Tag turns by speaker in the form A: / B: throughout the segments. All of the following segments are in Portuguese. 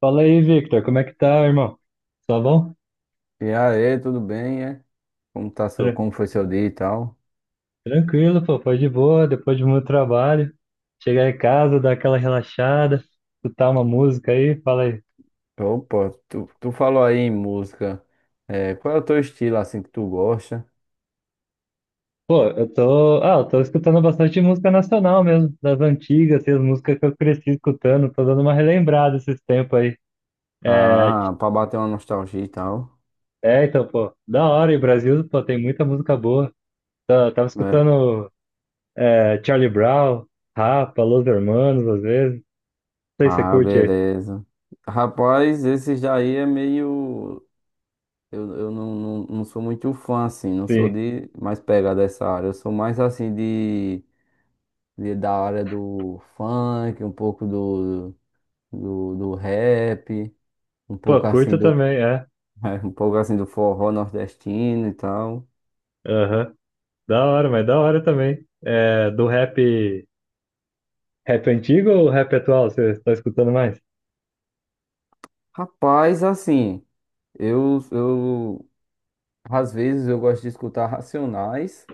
A: Fala aí, Victor, como é que tá, irmão? Tá bom?
B: E aí, tudo bem, é?
A: Tra-
B: Como foi seu dia e tal?
A: Tranquilo, pô, foi de boa, depois de muito trabalho. Chegar em casa, dar aquela relaxada, escutar uma música aí, fala aí.
B: Opa, tu falou aí em música. É, qual é o teu estilo assim que tu gosta?
A: Pô, eu tô escutando bastante música nacional mesmo, das antigas, assim, as músicas que eu cresci escutando, tô dando uma relembrada esses tempos aí. É,
B: Ah, pra bater uma nostalgia e tal,
A: então, pô, da hora, e o Brasil, pô, tem muita música boa. Tava
B: né?
A: escutando Charlie Brown, Rapa, Los Hermanos, às vezes. Não sei se você
B: Ah,
A: curte,
B: beleza. Rapaz, esses daí é meio. Eu não sou muito fã, assim, não sou
A: sim.
B: de mais pegada dessa área. Eu sou mais assim de da área do funk, um pouco do rap, um pouco
A: Pô,
B: assim
A: curto também, é.
B: Um pouco assim do forró nordestino e tal.
A: Aham. Da hora, mas da hora também. É, do rap, rap antigo ou rap atual? Você está escutando mais?
B: Rapaz, assim, eu às vezes eu gosto de escutar Racionais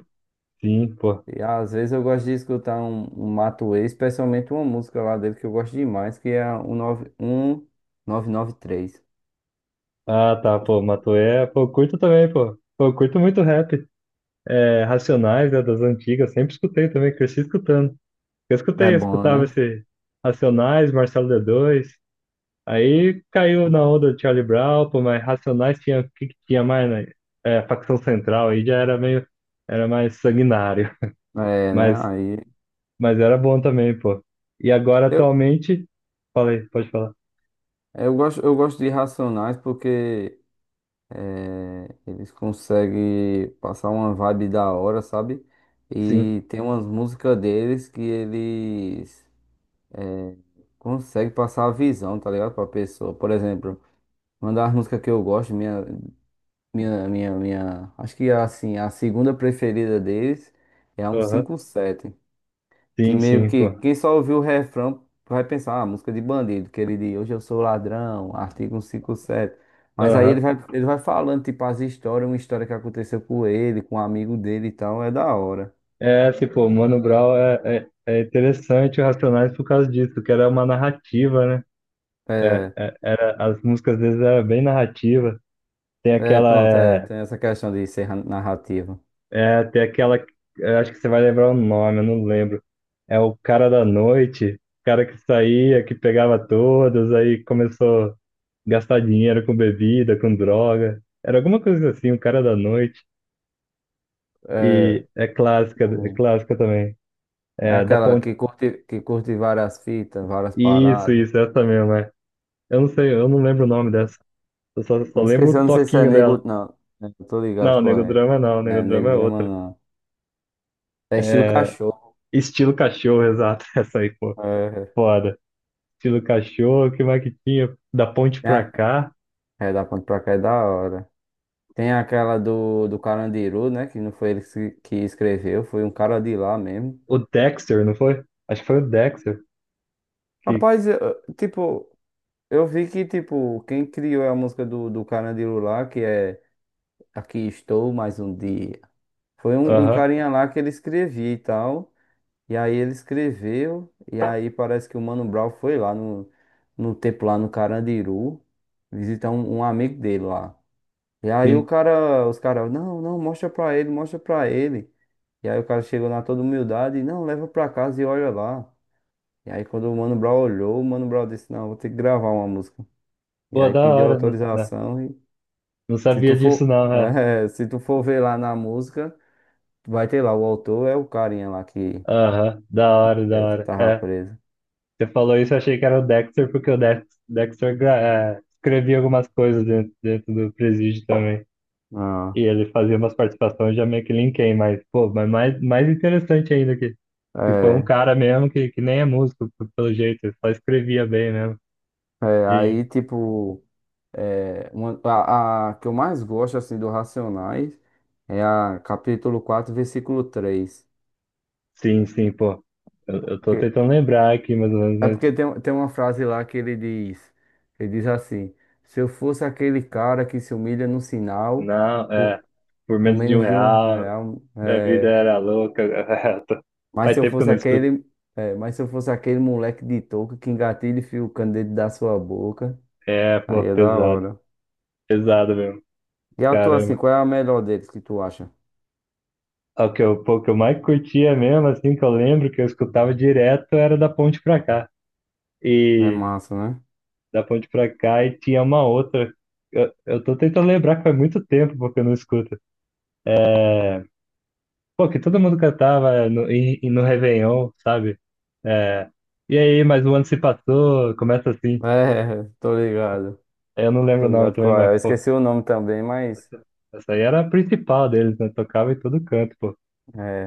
A: Sim, pô.
B: e às vezes eu gosto de escutar um Matuê, especialmente uma música lá dele que eu gosto demais, que é a 1993.
A: Ah, tá, pô, Matuê, pô, eu curto também, pô. Pô, eu curto muito rap. É, Racionais, né, das antigas, sempre escutei também, cresci escutando.
B: É
A: Eu
B: bom,
A: escutava
B: né?
A: esse Racionais, Marcelo d dois. Aí caiu na onda do Charlie Brown, pô, mas Racionais tinha, o que que tinha mais, né? É, facção central, aí já era meio, era mais sanguinário.
B: É, né?
A: Mas
B: Aí
A: Mas era bom também, pô. E agora,
B: eu,
A: atualmente. Falei, pode falar.
B: eu gosto de Racionais porque eles conseguem passar uma vibe da hora, sabe?
A: Sim,
B: E tem umas músicas deles que eles, é, conseguem passar a visão, tá ligado? Pra pessoa. Por exemplo, uma das músicas que eu gosto, acho que assim, a segunda preferida deles é a um
A: aham.
B: cinco sete. Que
A: Sim,
B: meio
A: sim,
B: que
A: pô.
B: quem só ouviu o refrão vai pensar, ah, música de bandido, que ele diz, hoje eu sou ladrão, artigo 157. Mas aí ele
A: Aham.
B: vai, ele vai falando, tipo, as histórias, uma história que aconteceu com ele, com um amigo dele e tal, é da hora.
A: É, assim, pô, Mano Brown é interessante o Racionais por causa disso, que era uma narrativa, né?
B: É,
A: Era, as músicas às vezes eram bem narrativa. Tem
B: é
A: aquela.
B: pronto, é,
A: É,
B: tem essa questão de ser narrativa.
A: é, tem aquela. Eu acho que você vai lembrar o nome, eu não lembro. É o cara da noite, o cara que saía, que pegava todos, aí começou. Gastar dinheiro com bebida, com droga. Era alguma coisa assim, o cara da noite. E
B: É,
A: é clássica também.
B: é
A: É, da
B: aquela
A: ponte.
B: que curte várias fitas, várias
A: Isso,
B: paradas.
A: isso, essa mesmo, é. Eu não sei, eu não lembro o nome dessa. Só
B: Me
A: lembro
B: esqueci, eu
A: o
B: não sei se é
A: toquinho
B: nego,
A: dela.
B: não. Eu tô ligado
A: Não,
B: qual é.
A: Negodrama não,
B: É,
A: Negodrama
B: nego
A: é
B: drama
A: outra.
B: não. É estilo
A: É,
B: cachorro.
A: estilo cachorro, exato. Essa aí, pô,
B: É.
A: foda. Estilo cachorro, o que mais que tinha? Da ponte
B: É.
A: pra cá.
B: É, da ponte pra cá é da hora. Tem aquela do Carandiru, né? Que não foi ele que escreveu, foi um cara de lá mesmo.
A: O Dexter, não foi? Acho que foi o Dexter que.
B: Rapaz, tipo, eu vi que, tipo, quem criou a música do Carandiru lá, que é Aqui Estou Mais Um Dia, foi um
A: Aham,
B: carinha lá que ele escrevia e tal. E aí ele escreveu, e aí parece que o Mano Brown foi lá no tempo lá no Carandiru, visitar um amigo dele lá. E aí o
A: sim.
B: cara, os caras, não, não, mostra pra ele, mostra pra ele. E aí o cara chegou na toda humildade, não, leva pra casa e olha lá. E aí quando o Mano Brown olhou, o Mano Brown disse, não, vou ter que gravar uma música. E
A: Pô,
B: aí
A: da
B: pediu
A: hora. Não,
B: autorização e
A: não
B: se tu
A: sabia disso,
B: for,
A: não, é.
B: se tu for ver lá na música, vai ter lá, o autor é o carinha lá
A: Aham, da hora, da
B: que
A: hora.
B: tava
A: É,
B: preso.
A: você falou isso, eu achei que era o Dexter, porque o Dexter, é, escrevia algumas coisas dentro, dentro do Presídio também.
B: Ah,
A: E ele fazia umas participações, já meio que linkei, mas, pô, mas mais, mais interessante ainda que foi um
B: é,
A: cara mesmo que nem é músico, pelo jeito, ele só escrevia bem mesmo.
B: é,
A: E
B: aí tipo. É, a que eu mais gosto assim do Racionais é a Capítulo 4, Versículo 3.
A: sim, sim, pô. Eu tô
B: Porque-
A: tentando lembrar aqui mais ou menos,
B: É
A: mas
B: porque tem uma frase lá que ele diz, assim, se eu fosse aquele cara que se humilha no sinal
A: não,
B: por,
A: é, por
B: por
A: menos de um
B: menos de um
A: real,
B: real,
A: a vida
B: é,
A: era louca.
B: mas
A: Faz
B: se eu
A: tempo que eu
B: fosse
A: não escuto.
B: aquele, mas se eu fosse aquele moleque de touca que engatilha e fia o candeeiro da sua boca,
A: É, pô,
B: aí é da
A: pesado.
B: hora.
A: Pesado mesmo.
B: E a tua assim,
A: Caramba.
B: qual é a melhor deles que tu acha?
A: É o que eu, pô, o que eu mais curtia mesmo, assim, que eu lembro que eu escutava direto era da ponte pra cá.
B: É
A: E
B: massa, né?
A: da ponte pra cá e tinha uma outra. Eu tô tentando lembrar que faz muito tempo porque eu não escuto. É, pô, que todo mundo cantava no Réveillon, sabe? É, e aí, mas o ano se passou, começa assim.
B: É, tô ligado.
A: Eu não lembro
B: Tô
A: o nome
B: ligado
A: também,
B: qual é.
A: mas,
B: Eu
A: pô,
B: esqueci o nome também, mas.
A: essa, essa aí era a principal deles, né? Tocava em todo canto, pô.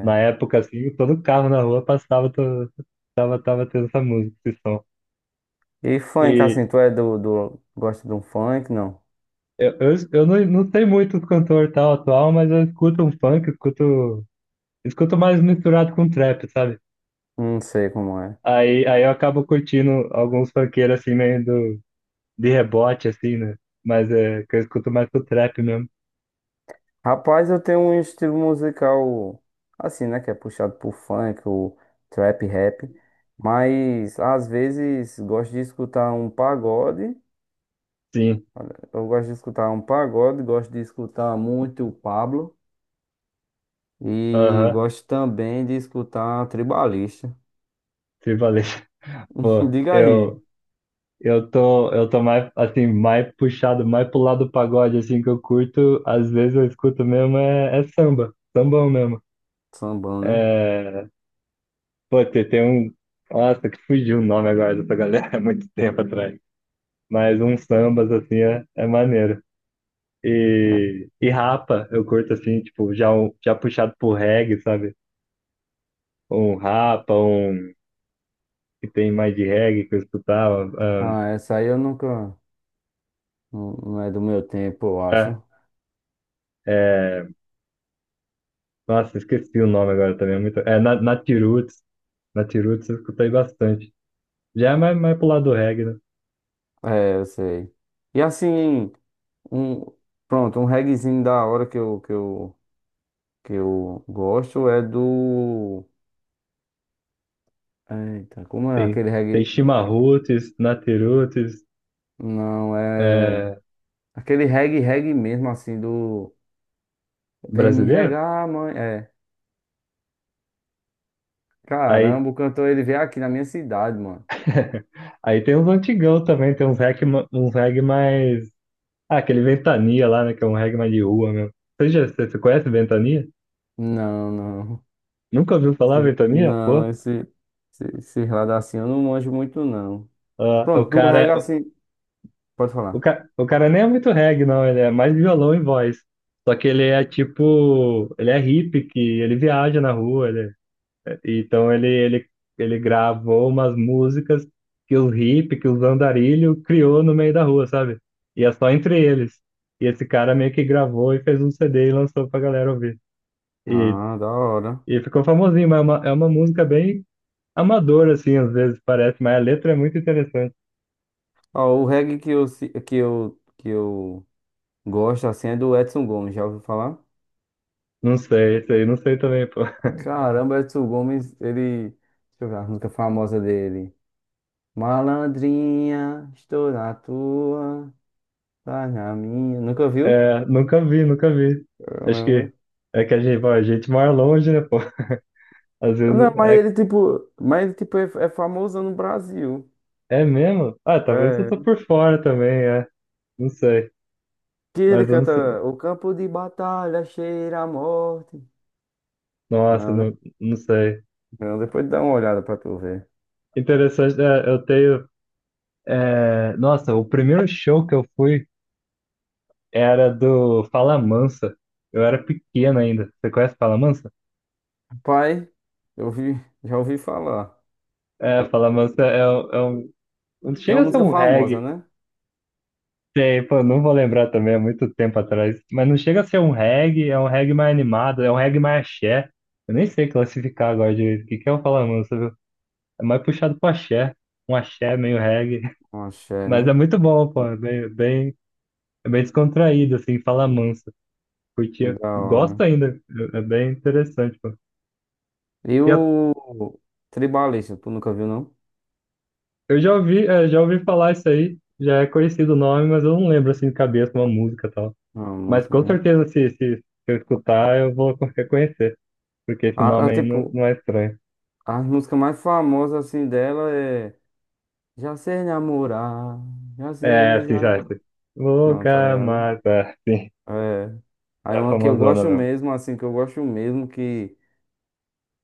A: Na época, assim, todo carro na rua passava, tava tendo essa música, esse som.
B: E funk,
A: E
B: assim, tu é do. Gosta de um funk? Não.
A: eu não sei muito do cantor tal atual, mas eu escuto um funk, escuto, escuto mais misturado com trap, sabe?
B: Não sei como é.
A: Aí eu acabo curtindo alguns funkeiros, assim, meio do, de rebote, assim, né? Mas é que eu escuto mais pro trap mesmo.
B: Rapaz, eu tenho um estilo musical assim, né? Que é puxado por funk, o trap rap. Mas às vezes gosto de escutar um pagode.
A: Sim,
B: Eu gosto de escutar um pagode, gosto de escutar muito o Pablo. E
A: aham,
B: gosto também de escutar tribalista.
A: se valeu. Pô,
B: Diga aí.
A: eu, eu tô mais, assim, mais puxado, mais pro lado do pagode, assim, que eu curto. Às vezes eu escuto mesmo, é samba, sambão mesmo.
B: Sambão, né?
A: É, pô, tem um, nossa, que fugiu o nome agora dessa galera, há muito tempo atrás. Mas uns sambas, assim, é maneiro.
B: É.
A: E rapa, eu curto, assim, tipo, já, já puxado pro reggae, sabe? Um rapa, um que tem mais de reggae que eu escutava.
B: Ah, essa aí eu nunca. Não é do meu tempo, eu
A: É,
B: acho.
A: é, nossa, esqueci o nome agora também. É, muito, é Natiroots. Natiruts eu escutei bastante. Já é mais, mais pro lado do reggae, né?
B: É, eu sei. E assim, um, pronto, um reggaezinho da hora que eu gosto é do. Eita, como é
A: Tem,
B: aquele
A: tem
B: reggae?
A: Chimarruts, Natiruts,
B: Não, é.
A: é,
B: Aquele reggae, reggae mesmo, assim, do. Vem me
A: brasileiro.
B: regar, mãe. É.
A: Aí,
B: Caramba, o cantor ele veio aqui na minha cidade, mano.
A: aí tem uns antigão também, tem uns reggae, uns reggae mais... Ah, aquele Ventania lá, né? Que é um reggae mais de rua mesmo. Você conhece Ventania?
B: Não, não.
A: Nunca ouviu falar Ventania?
B: Não,
A: Pô,
B: esse. Esse, esse lado assim eu não manjo muito, não.
A: ah, o
B: Pronto, do reggae
A: cara,
B: assim. Pode falar.
A: o cara nem é muito reggae, não. Ele é mais violão e voz. Só que ele é tipo... Ele é hippie, que ele viaja na rua, ele é... Então ele, ele, ele gravou umas músicas que os hippies, que os andarilho criou no meio da rua, sabe? E é só entre eles. E esse cara meio que gravou e fez um CD e lançou pra galera ouvir. E,
B: Ah, da hora.
A: e ficou famosinho, mas é é uma música bem amadora, assim, às vezes parece, mas a letra é muito interessante.
B: Ó, o reggae que eu, se- que eu gosto assim é do Edson Gomes, já ouviu falar?
A: Não sei, isso aí, não sei também, pô.
B: Caramba, Edson Gomes, ele. Deixa eu ver a música famosa dele. Malandrinha, estou na tua, tá na minha. Nunca viu?
A: É, nunca vi, nunca vi. Acho
B: Caramba.
A: que é que a gente, bom, a gente mora longe, né, pô? Às
B: Não,
A: vezes
B: mas
A: é,
B: ele tipo, mas ele tipo é famoso no Brasil.
A: é mesmo? Ah, talvez eu tô
B: É,
A: por fora também, é. Não sei.
B: que ele
A: Mas eu não sei.
B: canta O campo de batalha cheira a morte.
A: Nossa,
B: Não, né?
A: não, não sei.
B: Não, depois dá uma olhada pra tu ver.
A: Interessante, é, eu tenho. É, nossa, o primeiro show que eu fui era do Fala Mansa. Eu era pequeno ainda. Você conhece Fala Mansa?
B: Pai, eu vi, já ouvi falar.
A: É, Fala Mansa é, é um. Não
B: Tem
A: chega
B: uma
A: a ser
B: música
A: um
B: famosa,
A: reggae.
B: né?
A: Tem, pô, não vou lembrar também, é muito tempo atrás. Mas não chega a ser um reggae, é um reggae mais animado, é um reggae mais axé. Eu nem sei classificar agora direito. O que que é o Fala Mansa, viu? É mais puxado pro axé. Um axé meio reggae.
B: Um axé,
A: Mas é
B: né?
A: muito bom, pô. É bem, bem... É bem descontraído, assim, fala
B: Hum,
A: mansa. Curtia,
B: da
A: gosto
B: hora.
A: ainda, é bem interessante, pô.
B: E
A: E
B: o Tribalista, tu nunca viu, não?
A: eu já ouvi, é, já ouvi falar isso aí, já é conhecido o nome, mas eu não lembro, assim, de cabeça, uma música e tal.
B: Não, a
A: Mas
B: música,
A: com
B: né?
A: certeza, se eu escutar, eu vou reconhecer, porque esse
B: A,
A: nome
B: a,
A: aí não,
B: tipo,
A: não é estranho.
B: a música mais famosa, assim, dela é... Já sei namorar, já sei
A: É, assim,
B: beijar...
A: já, assim.
B: Não, tá
A: Boca
B: ligado?
A: Mata, sim,
B: É. Aí
A: é a
B: uma que eu
A: famosona
B: gosto
A: mesmo.
B: mesmo, assim, que eu gosto mesmo, que...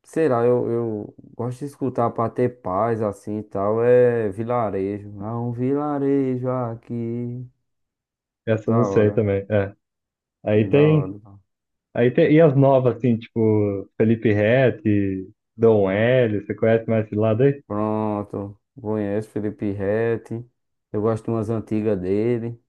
B: Sei lá, eu gosto de escutar pra ter paz assim e tal. É vilarejo. Há um vilarejo aqui.
A: Essa eu não
B: Da
A: sei
B: hora,
A: também, é. Aí
B: da
A: tem,
B: hora.
A: aí tem, e as novas, assim, tipo, Felipe Ret, Dom Hélio, você conhece mais esse lado aí?
B: Pronto. Conheço Felipe Ret. Eu gosto de umas antigas dele.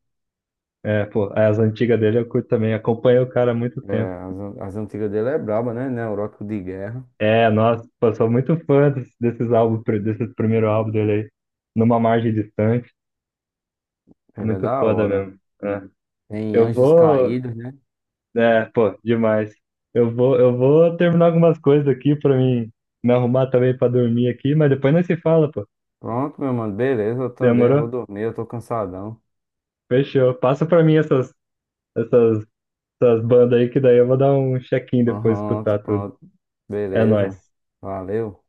A: É, pô, as antigas dele eu curto também, acompanho o cara há muito
B: É,
A: tempo.
B: as antigas dele é braba, né? Neurótico de guerra.
A: É, nossa, pô, sou muito fã desses álbuns, desses primeiro álbum dele aí, Numa Margem Distante,
B: Ele é
A: muito
B: da
A: foda
B: hora.
A: mesmo. É.
B: Tem
A: Eu
B: Anjos
A: vou,
B: Caídos, né?
A: é, pô, demais. Eu vou terminar algumas coisas aqui pra mim me arrumar também pra dormir aqui, mas depois nós se fala, pô.
B: Pronto, meu mano. Beleza, eu também
A: Demorou?
B: vou dormir. Eu tô cansadão.
A: Fechou. Passa pra mim essas, essas bandas aí que daí eu vou dar um check-in depois
B: Pronto,
A: escutar tudo.
B: pronto.
A: É
B: Beleza.
A: nóis.
B: Valeu.